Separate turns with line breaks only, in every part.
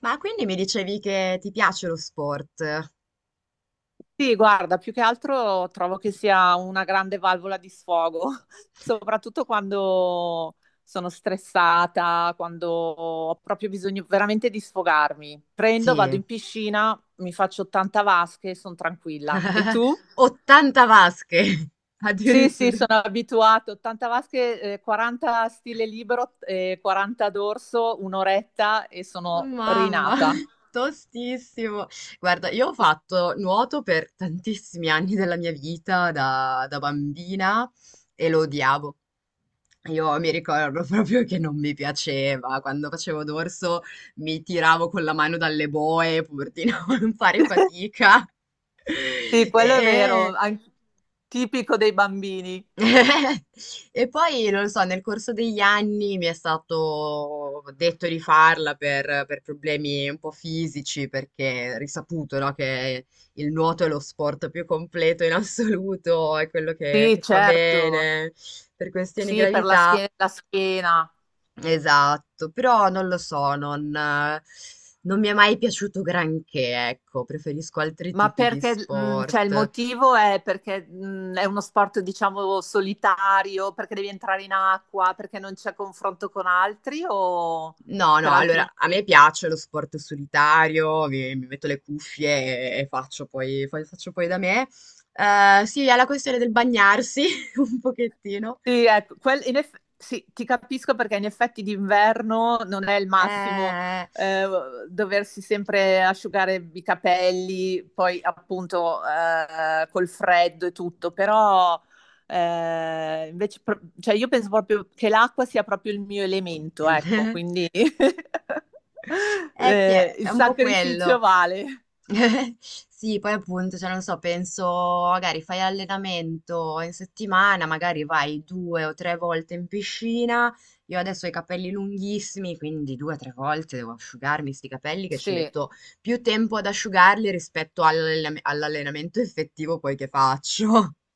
Ma quindi mi dicevi che ti piace lo sport?
Sì, guarda, più che altro trovo che sia una grande valvola di sfogo, soprattutto quando sono stressata, quando ho proprio bisogno veramente di sfogarmi. Prendo, vado
Sì,
in piscina, mi faccio 80 vasche e sono tranquilla. E tu?
80 vasche
Sì, sì,
addirittura.
sono abituato. 80 vasche, 40 stile libero, 40 dorso, un'oretta e
Oh,
sono
Mamma,
rinata.
tostissimo. Guarda, io ho fatto nuoto per tantissimi anni della mia vita da bambina e lo odiavo. Io mi ricordo proprio che non mi piaceva. Quando facevo dorso mi tiravo con la mano dalle boe pur di non fare fatica.
Sì, quello è vero,
E,
tipico dei bambini.
e poi, non lo so, nel corso degli anni mi è stato detto di farla per problemi un po' fisici, perché è risaputo, no, che il nuoto è lo sport più completo in assoluto, è quello che,
Sì,
che fa
certo.
bene per questioni di
Sì, per la
gravità.
schiena, la schiena.
Esatto, però non lo so, non, non mi è mai piaciuto granché, ecco, preferisco altri
Ma
tipi di
perché, cioè il
sport.
motivo è perché è uno sport, diciamo, solitario, perché devi entrare in acqua, perché non c'è confronto con altri o
No,
per
no,
altri
allora a
motivi?
me piace lo sport solitario, mi metto le cuffie e faccio faccio poi da me. Sì, alla questione del bagnarsi un pochettino.
Sì, ecco, in sì, ti capisco perché in effetti d'inverno non è il massimo
Eh,
eh, doversi sempre asciugare i capelli, poi appunto col freddo e tutto, però invece, cioè io penso proprio che l'acqua sia proprio il mio elemento, ecco, quindi
eh sì,
il
è un po'
sacrificio
quello.
vale.
Sì, poi appunto, cioè non so, penso magari fai allenamento in settimana, magari vai due o tre volte in piscina. Io adesso ho i capelli lunghissimi, quindi due o tre volte devo asciugarmi sti capelli che ci
Sì,
metto più tempo ad asciugarli rispetto all'allenamento effettivo poi che faccio.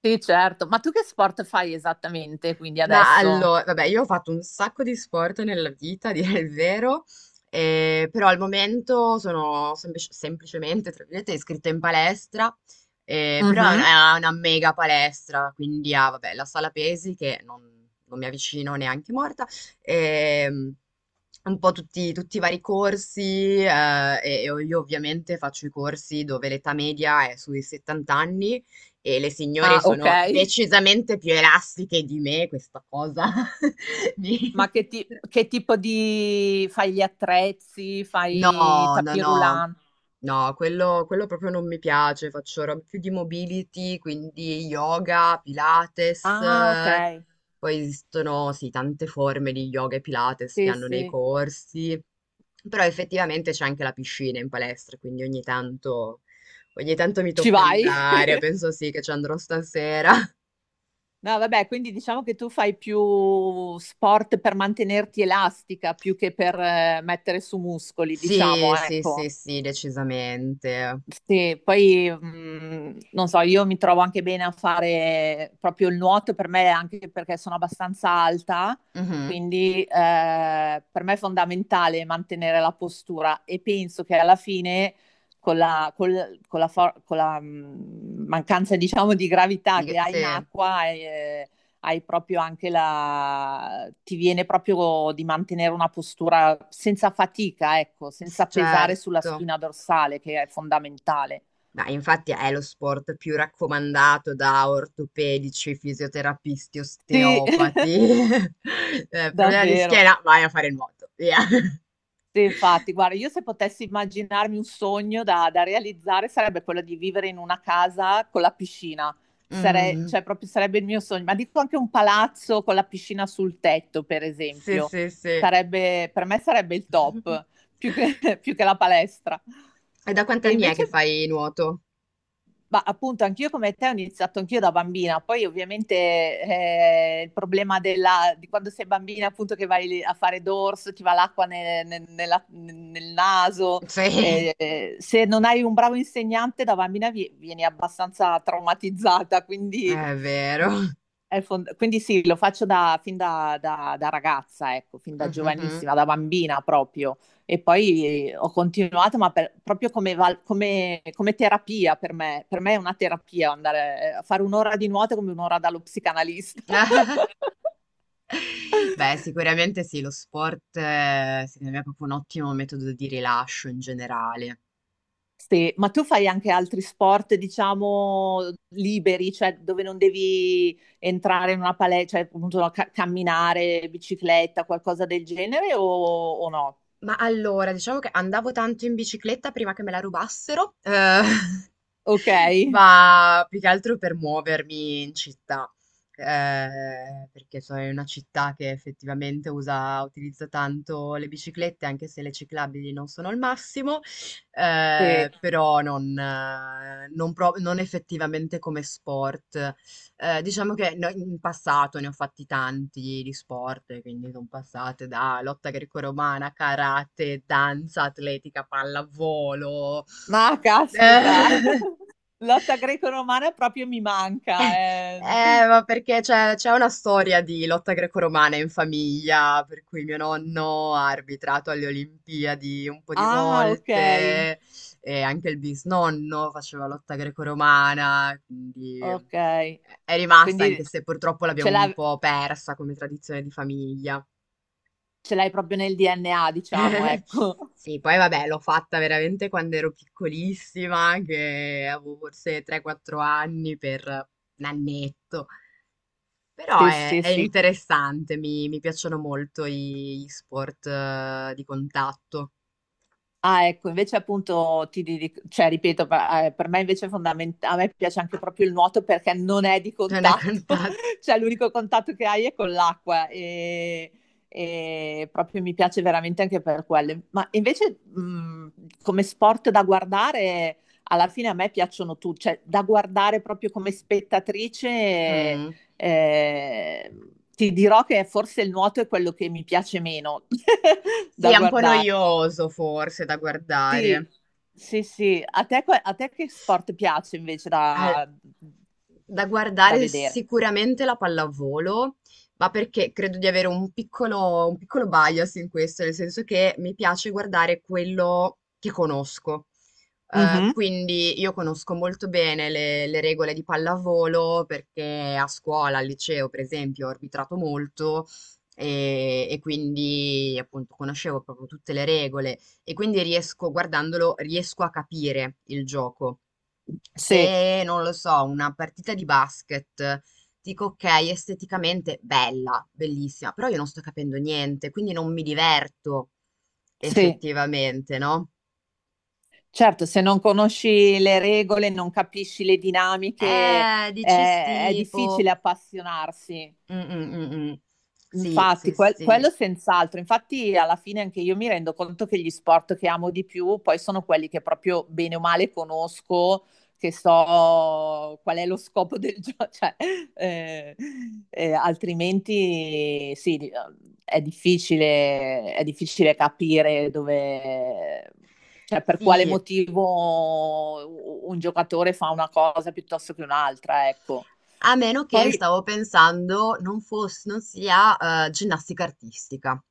sì, certo. Ma tu che sport fai esattamente quindi
Ma
adesso?
allora, vabbè, io ho fatto un sacco di sport nella vita, a dire il vero, però al momento sono semplicemente, tra virgolette, iscritta in palestra, però
Mhm.
è una mega palestra, quindi ha, vabbè, la sala pesi che non, non mi avvicino neanche morta, ehm, un po' tutti, tutti i vari corsi, e io ovviamente faccio i corsi dove l'età media è sui 70 anni, e le signore
Ah, ok.
sono decisamente più elastiche di me, questa cosa mi
Ma
frustra.
che tipo di... fai gli attrezzi, fai
No, no,
tapis
no.
roulant?
No, quello proprio non mi piace, faccio roba più di mobility, quindi yoga, pilates,
Ah, ok.
poi esistono sì, tante forme di yoga e pilates che
Sì,
hanno nei
sì.
corsi, però effettivamente c'è anche la piscina in palestra, quindi ogni tanto mi
Ci
tocca
vai?
andare, penso sì che ci andrò stasera.
No, vabbè, quindi diciamo che tu fai più sport per mantenerti elastica più che per mettere su muscoli, diciamo,
Sì, sì, sì,
ecco.
sì, decisamente.
Sì, poi non so, io mi trovo anche bene a fare proprio il nuoto per me, anche perché sono abbastanza alta,
Mhm.
quindi per me è fondamentale mantenere la postura e penso che alla fine con con la con la, mancanza, diciamo, di
Di
gravità che
che-
hai in
sì,
acqua hai proprio anche la... ti viene proprio di mantenere una postura senza fatica, ecco,
s-
senza pesare sulla
certo.
spina dorsale, che è fondamentale.
Ma infatti è lo sport più raccomandato da ortopedici, fisioterapisti,
Sì,
osteopati. Problema di
davvero.
schiena, vai a fare il nuoto. Via.
Sì, infatti, guarda, io se potessi immaginarmi un sogno da realizzare sarebbe quello di vivere in una casa con la piscina.
Mm.
Cioè proprio sarebbe il mio sogno, ma dico anche un palazzo con la piscina sul tetto, per
Sì,
esempio,
sì, sì.
sarebbe, per me sarebbe il top, più che, più che la palestra.
E da quanti
E
anni è che
invece
fai nuoto?
ma appunto, anch'io come te ho iniziato anch'io da bambina, poi ovviamente il problema della, di quando sei bambina, appunto che vai lì a fare dorso, ti va l'acqua nel naso,
Sì,
se non hai un bravo insegnante da bambina vieni abbastanza traumatizzata, quindi
è vero.
è il quindi sì, lo fin da ragazza, ecco, fin da
Mhm.
giovanissima, da bambina proprio. E poi ho continuato, ma proprio come, come terapia per me. Per me è una terapia andare a fare un'ora di nuoto è come un'ora dallo psicanalista.
Beh, sicuramente sì, lo sport secondo me è proprio un ottimo metodo di rilascio in generale.
Sì, ma tu fai anche altri sport, diciamo, liberi, cioè dove non devi entrare in una palestra, cioè appunto no, camminare, bicicletta, qualcosa del genere o no?
Ma allora, diciamo che andavo tanto in bicicletta prima che me la rubassero,
Ok.
ma più che altro per muovermi in città, perché sono in una città che effettivamente usa, utilizza tanto le biciclette, anche se le ciclabili non sono il massimo,
Sì.
però non, non effettivamente come sport. Diciamo che in passato ne ho fatti tanti di sport, quindi sono passate da lotta greco-romana, karate, danza atletica, pallavolo.
Ma caspita, lotta greco-romana proprio mi manca. Eh.
Ma perché c'è una storia di lotta greco-romana in famiglia, per cui mio nonno ha arbitrato alle Olimpiadi un po' di
Ah, ok,
volte e anche il bisnonno faceva lotta greco-romana, quindi
ok.
è rimasta,
Quindi
anche se purtroppo
ce
l'abbiamo un
l'ha-
po' persa come tradizione di famiglia.
ce l'hai proprio nel DNA, diciamo, ecco.
Sì, poi vabbè, l'ho fatta veramente quando ero piccolissima, che avevo forse 3-4 anni per un annetto. Però
Sì, sì,
è
sì.
interessante, mi piacciono molto gli sport di contatto.
Ah, ecco, invece appunto ti cioè ripeto, per me invece è fondamentale, a me piace anche proprio il nuoto perché non è di
Non è
contatto,
contatto.
cioè l'unico contatto che hai è con l'acqua e proprio mi piace veramente anche per quello. Ma invece come sport da guardare, alla fine a me piacciono tutti, cioè da guardare proprio come spettatrice,
Mm.
eh, ti dirò che forse il nuoto è quello che mi piace meno
Sì,
da
è un po'
guardare.
noioso forse da
Sì,
guardare.
sì, sì. A te, a te che sport piace invece
Ah,
da,
da
da
guardare
vedere?
sicuramente la pallavolo, ma perché credo di avere un piccolo bias in questo, nel senso che mi piace guardare quello che conosco.
Mhm.
Quindi io conosco molto bene le regole di pallavolo perché a scuola, al liceo, per esempio, ho arbitrato molto e quindi appunto conoscevo proprio tutte le regole e quindi riesco, guardandolo, riesco a capire il gioco.
Sì,
Se, non lo so, una partita di basket, dico ok, esteticamente bella, bellissima, però io non sto capendo niente, quindi non mi diverto
sì.
effettivamente, no?
Certo, se non conosci le regole, non capisci le dinamiche,
Dici
è
sì, boh.
difficile appassionarsi.
Mm, mm, mm, mm. Sì,
Infatti,
sì, sì.
quello senz'altro. Infatti, alla fine anche io mi rendo conto che gli sport che amo di più poi sono quelli che proprio bene o male conosco, che so qual è lo scopo del gioco, cioè, eh, altrimenti sì, è difficile capire dove, cioè per quale
Sì,
motivo un giocatore fa una cosa piuttosto che un'altra, ecco.
a meno che,
Poi,
stavo pensando, non sia, ginnastica artistica.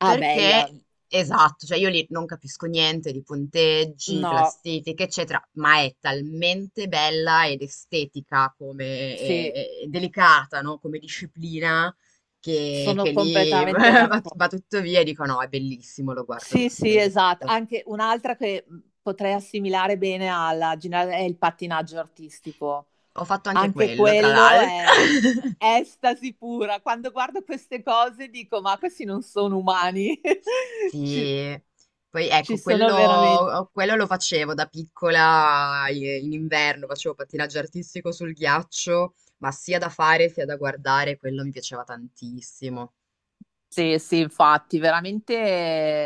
ah,
Perché
bella.
esatto, cioè io lì non capisco niente di punteggi,
No,
classifiche, eccetera, ma è talmente bella ed estetica come e
sì,
e delicata, no, come disciplina che
sono
lì
completamente
va
d'accordo.
tutto via e dico: "No, è bellissimo, lo guardo lo
Sì, sì,
stesso".
esatto. Anche un'altra che potrei assimilare bene alla generale è il pattinaggio artistico.
Ho fatto anche
Anche
quello, tra
quello
l'altro.
è estasi pura. Quando guardo queste cose dico, ma questi non sono umani. Ci,
Sì, poi
ci
ecco,
sono veramente.
quello lo facevo da piccola in inverno, facevo pattinaggio artistico sul ghiaccio, ma sia da fare sia da guardare, quello mi piaceva tantissimo.
Sì, sì, infatti, veramente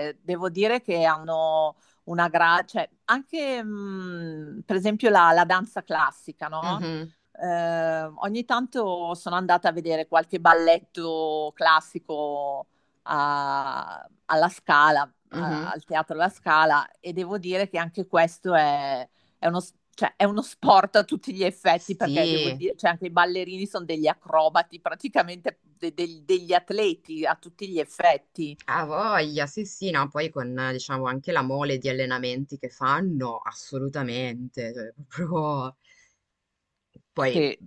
devo dire che hanno una cioè anche per esempio la, la danza classica, no?
Mhm,
Ogni tanto sono andata a vedere qualche balletto classico alla Scala,
mhm.
al Teatro La Scala e devo dire che anche questo è cioè, è uno sport a tutti gli effetti perché devo
Sì,
dire, cioè anche i ballerini sono degli acrobati, praticamente degli atleti a tutti gli effetti.
a voglia, sì, sì, no, poi con diciamo anche la mole di allenamenti che fanno, assolutamente, cioè, proprio. Poi,
Sì.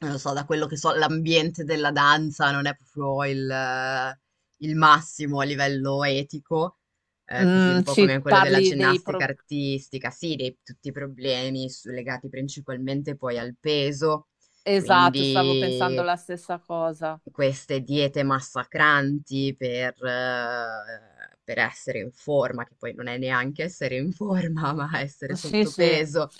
non lo so, da quello che so, l'ambiente della danza non è proprio il massimo a livello etico, così un
Mm,
po' come
ci
quello della
parli dei
ginnastica
pro-
artistica, sì, dei, tutti i problemi legati principalmente poi al peso,
Esatto, stavo pensando
quindi
la stessa cosa.
queste diete massacranti per essere in forma, che poi non è neanche essere in forma, ma essere
Sì, sì.
sottopeso,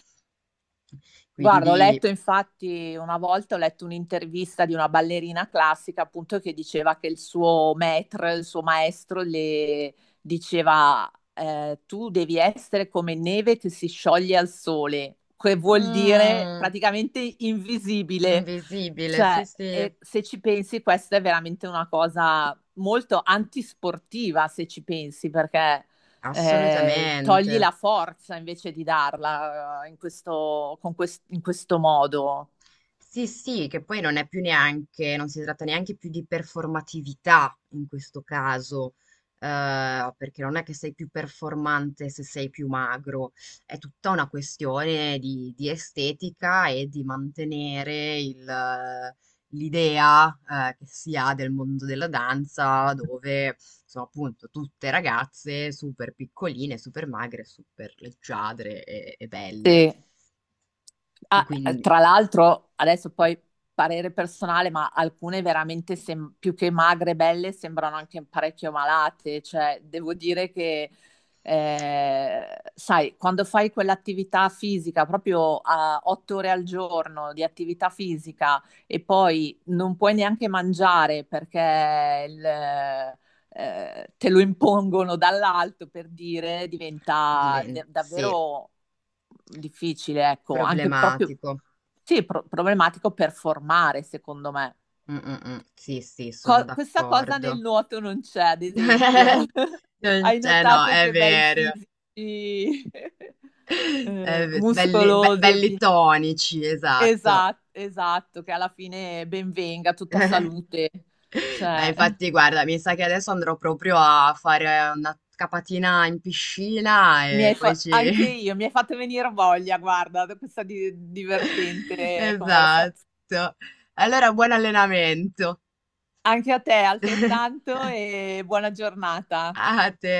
Guarda, ho
quindi
letto infatti una volta, ho letto un'intervista di una ballerina classica appunto che diceva che il suo maître, il suo maestro le diceva tu devi essere come neve che si scioglie al sole, che vuol dire
mm,
praticamente invisibile.
invisibile, sì,
Cioè,
sì,
e se ci pensi, questa è veramente una cosa molto antisportiva, se ci pensi, perché togli
assolutamente.
la forza invece di darla in questo, con in questo modo.
Sì, sì, che poi non è più neanche, non si tratta neanche più di performatività in questo caso, perché non è che sei più performante se sei più magro, è tutta una questione di estetica e di mantenere il, l'idea, che si ha del mondo della danza, dove sono appunto tutte ragazze super piccoline, super magre, super leggiadre e belle.
Sì. Ah,
Quindi
tra l'altro, adesso poi parere personale, ma alcune veramente più che magre e belle sembrano anche parecchio malate. Cioè, devo dire che, sai, quando fai quell'attività fisica, proprio a 8 ore al giorno di attività fisica e poi non puoi neanche mangiare perché il, te lo impongono dall'alto per dire, diventa
diventa, sì.
davvero difficile, ecco, anche proprio,
Problematico.
sì, problematico per formare, secondo me.
Sì, sì, sono
Questa cosa nel
d'accordo.
nuoto non c'è, ad esempio.
Non
Hai
c'è no,
notato
è
che bei
vero.
fisici
È ve- belli, be-
muscolosi e
belli tonici, esatto.
esatto, esatto, che alla fine ben venga, tutta salute.
Ma
Cioè,
infatti, guarda, mi sa che adesso andrò proprio a fare una capatina in piscina
mi
e
hai
poi ci...
anche io, mi hai fatto venire voglia, guarda, da questa divertente conversazione.
Esatto. Allora, buon allenamento.
Anche a te, altrettanto, e buona giornata.
A te.